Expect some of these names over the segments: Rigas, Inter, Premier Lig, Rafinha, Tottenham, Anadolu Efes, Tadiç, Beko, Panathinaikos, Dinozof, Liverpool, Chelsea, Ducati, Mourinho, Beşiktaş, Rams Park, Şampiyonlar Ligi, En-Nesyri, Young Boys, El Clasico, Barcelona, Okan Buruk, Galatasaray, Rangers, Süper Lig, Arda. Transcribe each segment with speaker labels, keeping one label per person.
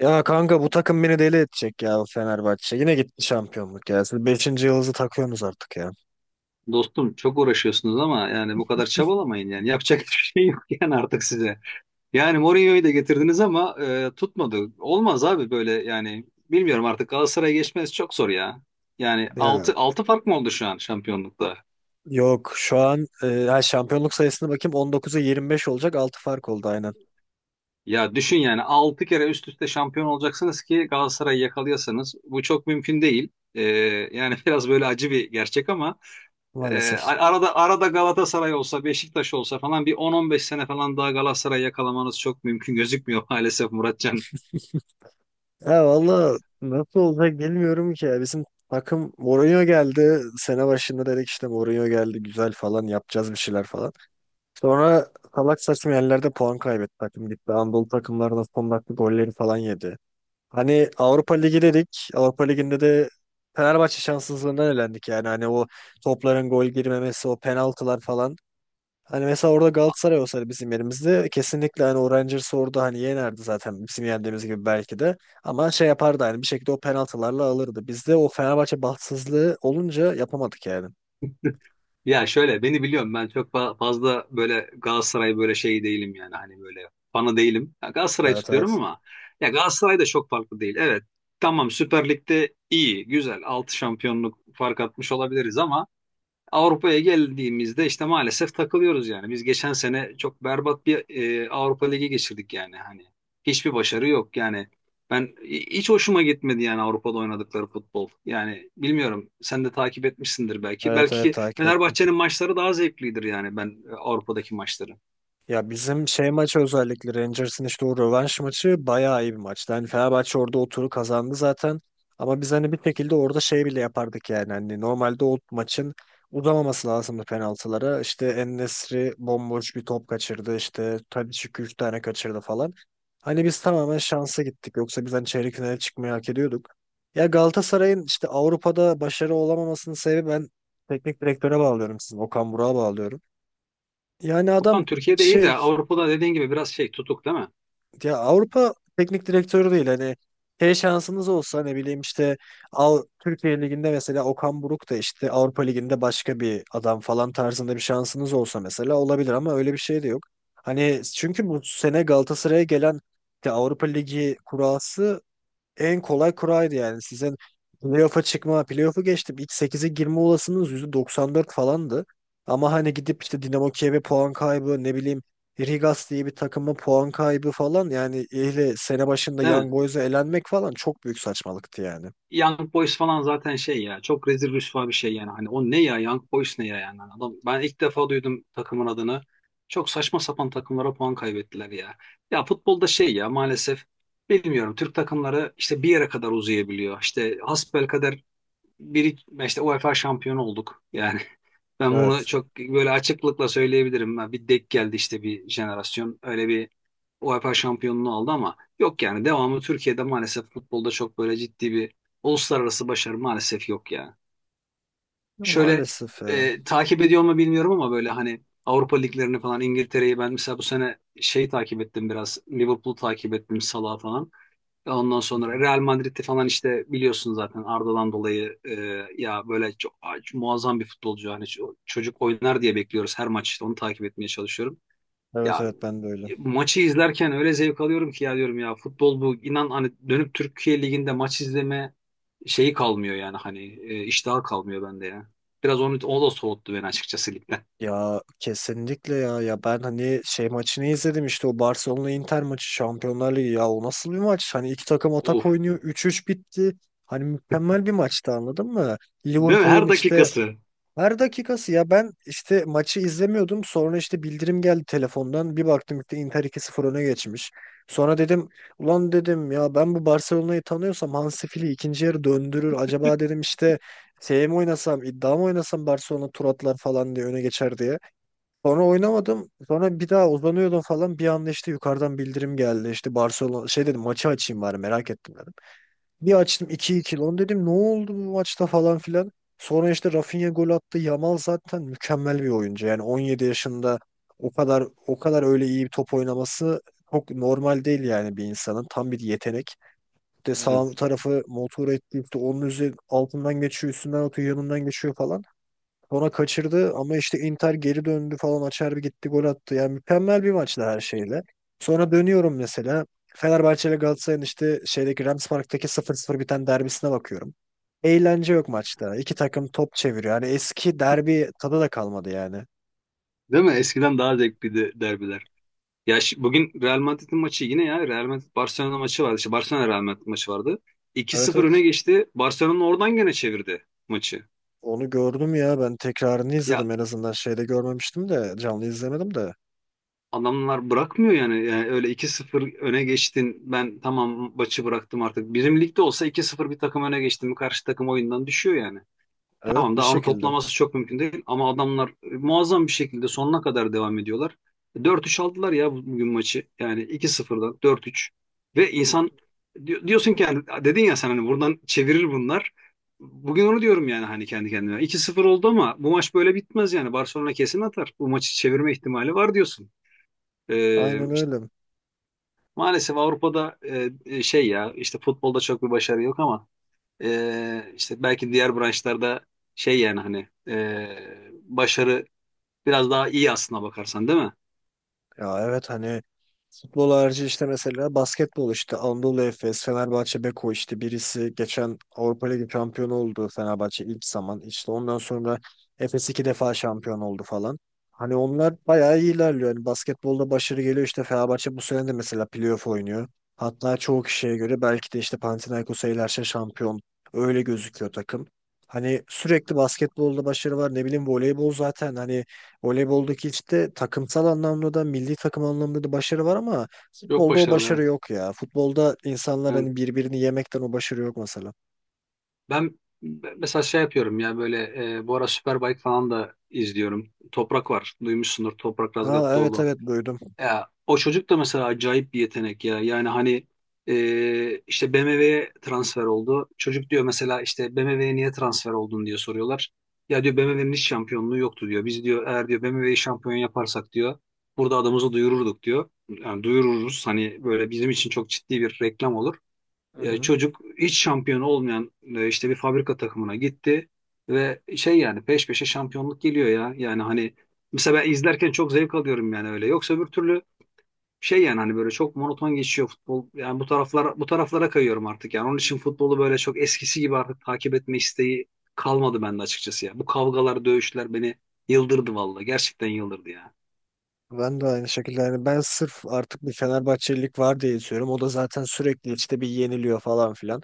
Speaker 1: Ya kanka bu takım beni deli edecek ya Fenerbahçe. Yine gitti şampiyonluk ya. Siz beşinci yılınızı takıyorsunuz artık ya.
Speaker 2: Dostum çok uğraşıyorsunuz ama yani bu kadar çabalamayın yani. Yapacak hiçbir şey yok yani artık size. Yani Mourinho'yu da getirdiniz ama tutmadı. Olmaz abi böyle yani bilmiyorum artık Galatasaray'a geçmeniz çok zor ya. Yani
Speaker 1: Ya
Speaker 2: altı fark mı oldu şu an şampiyonlukta?
Speaker 1: yok şu an şampiyonluk sayısına bakayım 19'a 25 olacak, 6 fark oldu aynen,
Speaker 2: Ya düşün yani 6 kere üst üste şampiyon olacaksınız ki Galatasaray'ı yakalıyorsanız bu çok mümkün değil. E, yani biraz böyle acı bir gerçek ama
Speaker 1: maalesef.
Speaker 2: arada arada Galatasaray olsa, Beşiktaş olsa falan bir 10-15 sene falan daha Galatasaray yakalamanız çok mümkün gözükmüyor maalesef Muratcan.
Speaker 1: Ya valla nasıl olacak bilmiyorum ki ya. Bizim takım Mourinho geldi. Sene başında dedik işte Mourinho geldi, güzel falan yapacağız bir şeyler falan. Sonra salak saçma yerlerde puan kaybetti, takım gitti. Anadolu takımlarına son dakika golleri falan yedi. Hani Avrupa Ligi dedik. Avrupa Ligi'nde de Fenerbahçe şanssızlığından elendik yani. Hani o topların gol girmemesi, o penaltılar falan. Hani mesela orada Galatasaray olsaydı bizim yerimizde kesinlikle hani o Rangers'ı orada hani yenerdi zaten, bizim yendiğimiz gibi belki de. Ama şey yapardı hani, bir şekilde o penaltılarla alırdı. Bizde o Fenerbahçe bahtsızlığı olunca yapamadık yani.
Speaker 2: Ya şöyle beni biliyorum ben çok fazla böyle Galatasaray böyle şey değilim yani hani böyle fanı değilim. Ya Galatasaray
Speaker 1: Evet,
Speaker 2: tutuyorum
Speaker 1: evet.
Speaker 2: ama ya Galatasaray da çok farklı değil. Evet tamam Süper Lig'de iyi, güzel 6 şampiyonluk fark atmış olabiliriz ama Avrupa'ya geldiğimizde işte maalesef takılıyoruz yani. Biz geçen sene çok berbat bir Avrupa Ligi geçirdik yani hani. Hiçbir başarı yok yani. Ben hiç hoşuma gitmedi yani Avrupa'da oynadıkları futbol. Yani bilmiyorum sen de takip etmişsindir belki.
Speaker 1: Evet, evet,
Speaker 2: Belki
Speaker 1: takip ettim.
Speaker 2: Fenerbahçe'nin maçları daha zevklidir yani ben Avrupa'daki maçları.
Speaker 1: Ya bizim şey maçı, özellikle Rangers'ın işte o rövanş maçı bayağı iyi bir maçtı. Hani Fenerbahçe orada o turu kazandı zaten. Ama biz hani bir şekilde orada şey bile yapardık yani. Hani normalde o maçın uzamaması lazımdı penaltılara. İşte En-Nesyri bomboş bir top kaçırdı. İşte Tadiç 2 üç tane kaçırdı falan. Hani biz tamamen şansa gittik. Yoksa biz hani çeyrek finale çıkmayı hak ediyorduk. Ya Galatasaray'ın işte Avrupa'da başarı olamamasının sebebi, ben teknik direktöre bağlıyorum sizin. Okan Burak'a bağlıyorum. Yani
Speaker 2: Okan
Speaker 1: adam
Speaker 2: Türkiye'de iyi de
Speaker 1: şey,
Speaker 2: Avrupa'da dediğin gibi biraz şey tutuk değil mi?
Speaker 1: ya Avrupa teknik direktörü değil hani. Şey, şansınız olsa ne bileyim işte, al Türkiye Ligi'nde mesela Okan Buruk, da işte Avrupa Ligi'nde başka bir adam falan tarzında bir şansınız olsa mesela olabilir ama öyle bir şey de yok. Hani çünkü bu sene Galatasaray'a gelen işte Avrupa Ligi kurası en kolay kuraydı yani. Sizin playoff'a çıkma, playoff'u geçtim, İlk sekize girme olasılığınız %94 falandı. Ama hani gidip işte Dinamo Kiev'e puan kaybı, ne bileyim Rigas diye bir takıma puan kaybı falan yani ile sene başında
Speaker 2: Değil mi?
Speaker 1: Young Boys'a elenmek falan çok büyük saçmalıktı yani.
Speaker 2: Young Boys falan zaten şey ya çok rezil rüsva bir şey yani. Hani o ne ya Young Boys ne ya yani. Hani adam, ben ilk defa duydum takımın adını. Çok saçma sapan takımlara puan kaybettiler ya. Ya futbolda şey ya maalesef bilmiyorum Türk takımları işte bir yere kadar uzayabiliyor. İşte hasbelkader bir işte UEFA şampiyonu olduk. Yani ben bunu
Speaker 1: Evet.
Speaker 2: çok böyle açıklıkla söyleyebilirim. Ha, bir denk geldi işte bir jenerasyon. Öyle bir UEFA şampiyonluğu aldı ama yok yani devamı Türkiye'de maalesef futbolda çok böyle ciddi bir uluslararası başarı maalesef yok ya.
Speaker 1: Ya
Speaker 2: Şöyle
Speaker 1: maalesef ya.
Speaker 2: takip ediyor mu bilmiyorum ama böyle hani Avrupa liglerini falan İngiltere'yi ben mesela bu sene şey takip ettim biraz. Liverpool'u takip ettim Salah'ı falan. Ondan
Speaker 1: Hı
Speaker 2: sonra
Speaker 1: hı.
Speaker 2: Real Madrid'de falan işte biliyorsun zaten Arda'dan dolayı ya böyle çok, muazzam bir futbolcu. Hani çocuk oynar diye bekliyoruz her maç işte onu takip etmeye çalışıyorum.
Speaker 1: Evet,
Speaker 2: Ya
Speaker 1: evet, ben de öyle.
Speaker 2: maçı izlerken öyle zevk alıyorum ki ya diyorum ya futbol bu inan hani dönüp Türkiye Ligi'nde maç izleme şeyi kalmıyor yani hani iştahı kalmıyor bende ya. Biraz onu, o da soğuttu beni açıkçası ligden.
Speaker 1: Ya kesinlikle ya. Ya ben hani şey maçını izledim, işte o Barcelona Inter maçı, Şampiyonlar Ligi, ya o nasıl bir maç? Hani iki takım
Speaker 2: Of.
Speaker 1: atak oynuyor, üç üç bitti. Hani mükemmel bir maçtı, anladın mı?
Speaker 2: Değil mi?
Speaker 1: Liverpool'un
Speaker 2: Her
Speaker 1: işte
Speaker 2: dakikası.
Speaker 1: her dakikası ya, ben işte maçı izlemiyordum. Sonra işte bildirim geldi telefondan. Bir baktım işte Inter 2-0 öne geçmiş. Sonra dedim ulan dedim ya ben bu Barcelona'yı tanıyorsam Hansi Flick ikinci yarı döndürür. Acaba dedim işte şey mi oynasam, iddia mı oynasam Barcelona tur atlar falan diye, öne geçer diye. Sonra oynamadım. Sonra bir daha uzanıyordum falan. Bir anda işte yukarıdan bildirim geldi. İşte Barcelona, şey dedim maçı açayım bari, merak ettim dedim. Bir açtım, iki iki, lan dedim ne oldu bu maçta falan filan. Sonra işte Rafinha gol attı. Yamal zaten mükemmel bir oyuncu. Yani 17 yaşında o kadar, o kadar öyle iyi bir top oynaması çok normal değil yani bir insanın. Tam bir yetenek. De sağ
Speaker 2: Evet.
Speaker 1: tarafı motor etti işte, onun üzeri altından geçiyor, üstünden atıyor, yanından geçiyor falan. Sonra kaçırdı ama işte Inter geri döndü falan, Acerbi gitti gol attı. Yani mükemmel bir maçtı her şeyle. Sonra dönüyorum mesela Fenerbahçe ile Galatasaray'ın işte şeydeki Rams Park'taki sıfır 0 biten derbisine bakıyorum. Eğlence yok maçta. İki takım top çeviriyor. Yani eski derbi tadı da kalmadı yani.
Speaker 2: Değil mi? Eskiden daha zevkliydi derbiler. Ya bugün Real Madrid'in maçı yine ya Real Madrid Barcelona maçı vardı. İşte Barcelona Real Madrid maçı vardı. 2
Speaker 1: Evet,
Speaker 2: sıfır öne
Speaker 1: evet.
Speaker 2: geçti. Barcelona oradan gene çevirdi maçı.
Speaker 1: Onu gördüm ya. Ben tekrarını
Speaker 2: Ya
Speaker 1: izledim en azından. Şeyde görmemiştim de. Canlı izlemedim de.
Speaker 2: adamlar bırakmıyor yani. Yani öyle iki sıfır öne geçtin. Ben tamam maçı bıraktım artık. Bizim ligde olsa iki sıfır bir takım öne geçtim mi, karşı takım oyundan düşüyor yani.
Speaker 1: Evet,
Speaker 2: Tamam
Speaker 1: bir
Speaker 2: daha onu
Speaker 1: şekilde.
Speaker 2: toplaması çok mümkün değil ama adamlar muazzam bir şekilde sonuna kadar devam ediyorlar. Dört üç aldılar ya bugün maçı. Yani iki sıfır'dan dört üç ve insan diyorsun ki yani dedin ya sen hani buradan çevirir bunlar. Bugün onu diyorum yani hani kendi kendime. 2 sıfır oldu ama bu maç böyle bitmez yani. Barcelona kesin atar. Bu maçı çevirme ihtimali var diyorsun.
Speaker 1: Aynen
Speaker 2: İşte
Speaker 1: öyle.
Speaker 2: maalesef Avrupa'da şey ya işte futbolda çok bir başarı yok ama işte belki diğer branşlarda şey yani hani başarı biraz daha iyi aslına bakarsan değil mi?
Speaker 1: Ya evet, hani futbol harici işte mesela basketbol, işte Anadolu Efes, Fenerbahçe, Beko, işte birisi geçen Avrupa Ligi şampiyonu oldu, Fenerbahçe ilk zaman. İşte ondan sonra Efes iki defa şampiyon oldu falan. Hani onlar bayağı iyi ilerliyor. Hani basketbolda başarı geliyor, işte Fenerbahçe bu sene de mesela playoff oynuyor. Hatta çoğu kişiye göre belki de işte Panathinaikos'a ilerse şampiyon, öyle gözüküyor takım. Hani sürekli basketbolda başarı var, ne bileyim voleybol zaten hani voleyboldaki işte takımsal anlamda da milli takım anlamında da başarı var ama
Speaker 2: Yok
Speaker 1: futbolda o
Speaker 2: başarılı
Speaker 1: başarı
Speaker 2: evet.
Speaker 1: yok ya. Futbolda insanlar
Speaker 2: Yani
Speaker 1: hani birbirini yemekten o başarı yok mesela.
Speaker 2: ben mesela şey yapıyorum ya böyle bu ara Superbike falan da izliyorum. Toprak var. Duymuşsundur Toprak
Speaker 1: Ha evet,
Speaker 2: Razgatlıoğlu.
Speaker 1: evet, duydum.
Speaker 2: Ya, o çocuk da mesela acayip bir yetenek ya. Yani hani işte BMW'ye transfer oldu. Çocuk diyor mesela işte BMW'ye niye transfer oldun diye soruyorlar. Ya diyor BMW'nin hiç şampiyonluğu yoktu diyor. Biz diyor eğer diyor BMW'yi şampiyon yaparsak diyor burada adımızı duyururduk diyor. Yani duyururuz hani böyle bizim için çok ciddi bir reklam olur.
Speaker 1: Hı hı.
Speaker 2: Çocuk hiç şampiyon olmayan işte bir fabrika takımına gitti ve şey yani peş peşe şampiyonluk geliyor ya. Yani hani mesela ben izlerken çok zevk alıyorum yani öyle. Yoksa öbür türlü şey yani hani böyle çok monoton geçiyor futbol. Yani bu taraflara bu taraflara kayıyorum artık yani. Onun için futbolu böyle çok eskisi gibi artık takip etme isteği kalmadı bende açıkçası ya. Bu kavgalar, dövüşler beni yıldırdı vallahi. Gerçekten yıldırdı ya.
Speaker 1: Ben de aynı şekilde yani, ben sırf artık bir Fenerbahçelilik var diye istiyorum. O da zaten sürekli işte bir yeniliyor falan filan.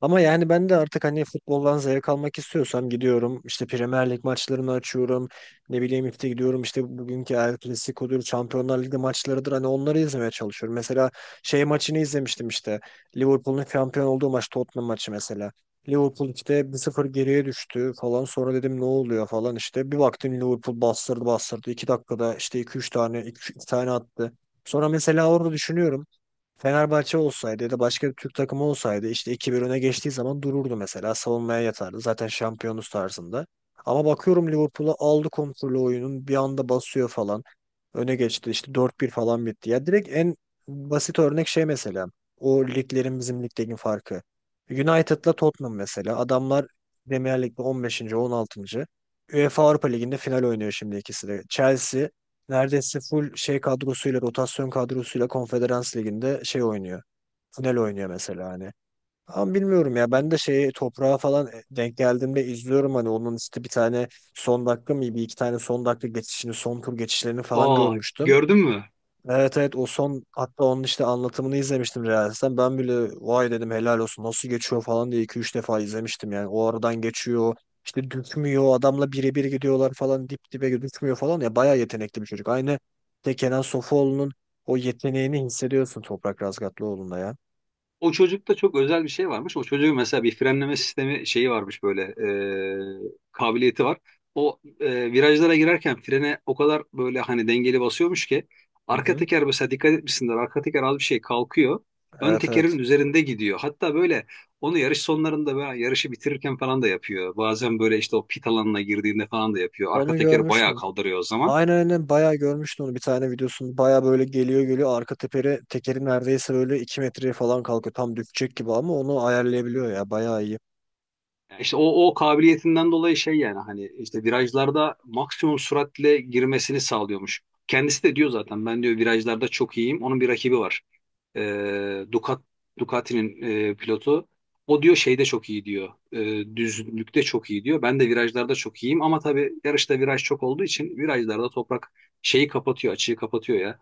Speaker 1: Ama yani ben de artık hani futboldan zevk almak istiyorsam gidiyorum. İşte Premier Lig maçlarını açıyorum. Ne bileyim işte gidiyorum, işte bugünkü El Clasico'dur, Şampiyonlar Ligi maçlarıdır. Hani onları izlemeye çalışıyorum. Mesela şey maçını izlemiştim işte. Liverpool'un şampiyon olduğu maç, Tottenham maçı mesela. Liverpool işte 1-0 geriye düştü falan. Sonra dedim ne oluyor falan işte. Bir baktım Liverpool bastırdı bastırdı. 2 dakikada işte iki üç tane, 2 tane attı. Sonra mesela orada düşünüyorum. Fenerbahçe olsaydı ya da başka bir Türk takımı olsaydı işte iki bir öne geçtiği zaman dururdu mesela. Savunmaya yatardı. Zaten şampiyonuz tarzında. Ama bakıyorum Liverpool'a, aldı kontrolü oyunun. Bir anda basıyor falan. Öne geçti işte, dört bir falan bitti. Ya direkt en basit örnek şey mesela. O liglerin bizim ligdeki farkı. United'la Tottenham mesela. Adamlar Premier Lig'de on beşinci, on altıncı, UEFA Avrupa Ligi'nde final oynuyor şimdi ikisi de. Chelsea neredeyse full şey kadrosuyla, rotasyon kadrosuyla Konferans Ligi'nde şey oynuyor. Final oynuyor mesela hani. Ama bilmiyorum ya, ben de şeyi toprağa falan denk geldiğimde izliyorum, hani onun işte bir tane son dakika mı bir iki tane son dakika geçişini, son tur geçişlerini falan
Speaker 2: Aa,
Speaker 1: görmüştüm.
Speaker 2: gördün mü?
Speaker 1: Evet, evet, o son, hatta onun işte anlatımını izlemiştim Reels'ten. Ben bile vay dedim, helal olsun nasıl geçiyor falan diye iki üç defa izlemiştim yani. O aradan geçiyor işte, düşmüyor, adamla birebir gidiyorlar falan, dip dibe düşmüyor falan, ya bayağı yetenekli bir çocuk. Aynı işte Kenan Sofuoğlu'nun o yeteneğini hissediyorsun Toprak Razgatlıoğlu'nda ya.
Speaker 2: O çocukta çok özel bir şey varmış. O çocuğun mesela bir frenleme sistemi şeyi varmış böyle kabiliyeti var. O virajlara girerken frene o kadar böyle hani dengeli basıyormuş ki
Speaker 1: Hı
Speaker 2: arka
Speaker 1: hı.
Speaker 2: teker mesela dikkat etmişsindir arka teker az bir şey kalkıyor. Ön
Speaker 1: Evet,
Speaker 2: tekerin
Speaker 1: evet,
Speaker 2: üzerinde gidiyor. Hatta böyle onu yarış sonlarında veya yarışı bitirirken falan da yapıyor. Bazen böyle işte o pit alanına girdiğinde falan da yapıyor. Arka
Speaker 1: onu
Speaker 2: teker bayağı
Speaker 1: görmüştüm.
Speaker 2: kaldırıyor o zaman.
Speaker 1: Aynen, aynen, bayağı görmüştüm onu, bir tane videosunu. Bayağı böyle geliyor geliyor, arka teperi tekeri neredeyse böyle 2 metreye falan kalkıyor. Tam düşecek gibi ama onu ayarlayabiliyor ya. Bayağı iyi.
Speaker 2: Evet. İşte o kabiliyetinden dolayı şey yani hani işte virajlarda maksimum süratle girmesini sağlıyormuş. Kendisi de diyor zaten ben diyor virajlarda çok iyiyim. Onun bir rakibi var. Ee, Ducat, Ducati'nin pilotu. O diyor şeyde çok iyi diyor. Düzlükte çok iyi diyor. Ben de virajlarda çok iyiyim ama tabii yarışta viraj çok olduğu için virajlarda toprak şeyi kapatıyor, açığı kapatıyor ya.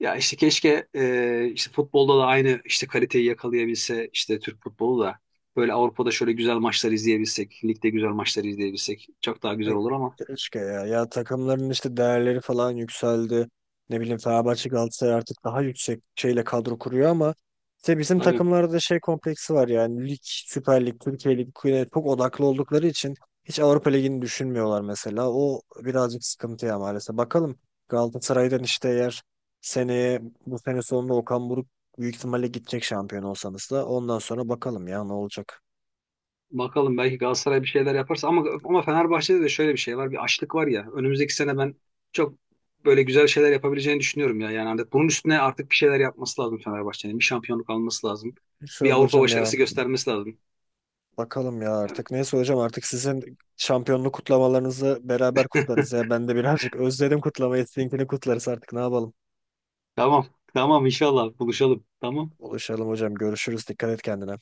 Speaker 2: Ya işte keşke işte futbolda da aynı işte kaliteyi yakalayabilse işte Türk futbolu da böyle Avrupa'da şöyle güzel maçlar izleyebilsek, ligde güzel maçlar izleyebilsek çok daha
Speaker 1: E,
Speaker 2: güzel olur ama
Speaker 1: Keşke ya. Ya takımların işte değerleri falan yükseldi. Ne bileyim Fenerbahçe Galatasaray artık daha yüksek şeyle kadro kuruyor ama işte bizim
Speaker 2: tabii
Speaker 1: takımlarda da şey kompleksi var yani, lig, Süper Lig, Türkiye Lig Kuyu- çok odaklı oldukları için hiç Avrupa Ligi'ni düşünmüyorlar mesela. O birazcık sıkıntı ya, maalesef. Bakalım, Galatasaray'dan işte, eğer seneye, bu sene sonunda Okan Buruk büyük ihtimalle gidecek, şampiyon olsanız da ondan sonra bakalım ya ne olacak.
Speaker 2: bakalım belki Galatasaray bir şeyler yaparsa ama Fenerbahçe'de de şöyle bir şey var bir açlık var ya önümüzdeki sene ben çok böyle güzel şeyler yapabileceğini düşünüyorum ya yani hani bunun üstüne artık bir şeyler yapması lazım Fenerbahçe'nin bir şampiyonluk alması lazım bir
Speaker 1: Şöyle
Speaker 2: Avrupa
Speaker 1: hocam ya,
Speaker 2: başarısı göstermesi lazım.
Speaker 1: bakalım ya artık. Neyse hocam, artık sizin şampiyonluk kutlamalarınızı beraber kutlarız ya. Ben de birazcık özledim kutlamayı. Sizinkini kutlarız artık, ne yapalım.
Speaker 2: Tamam tamam, inşallah buluşalım tamam.
Speaker 1: Buluşalım hocam. Görüşürüz. Dikkat et kendine.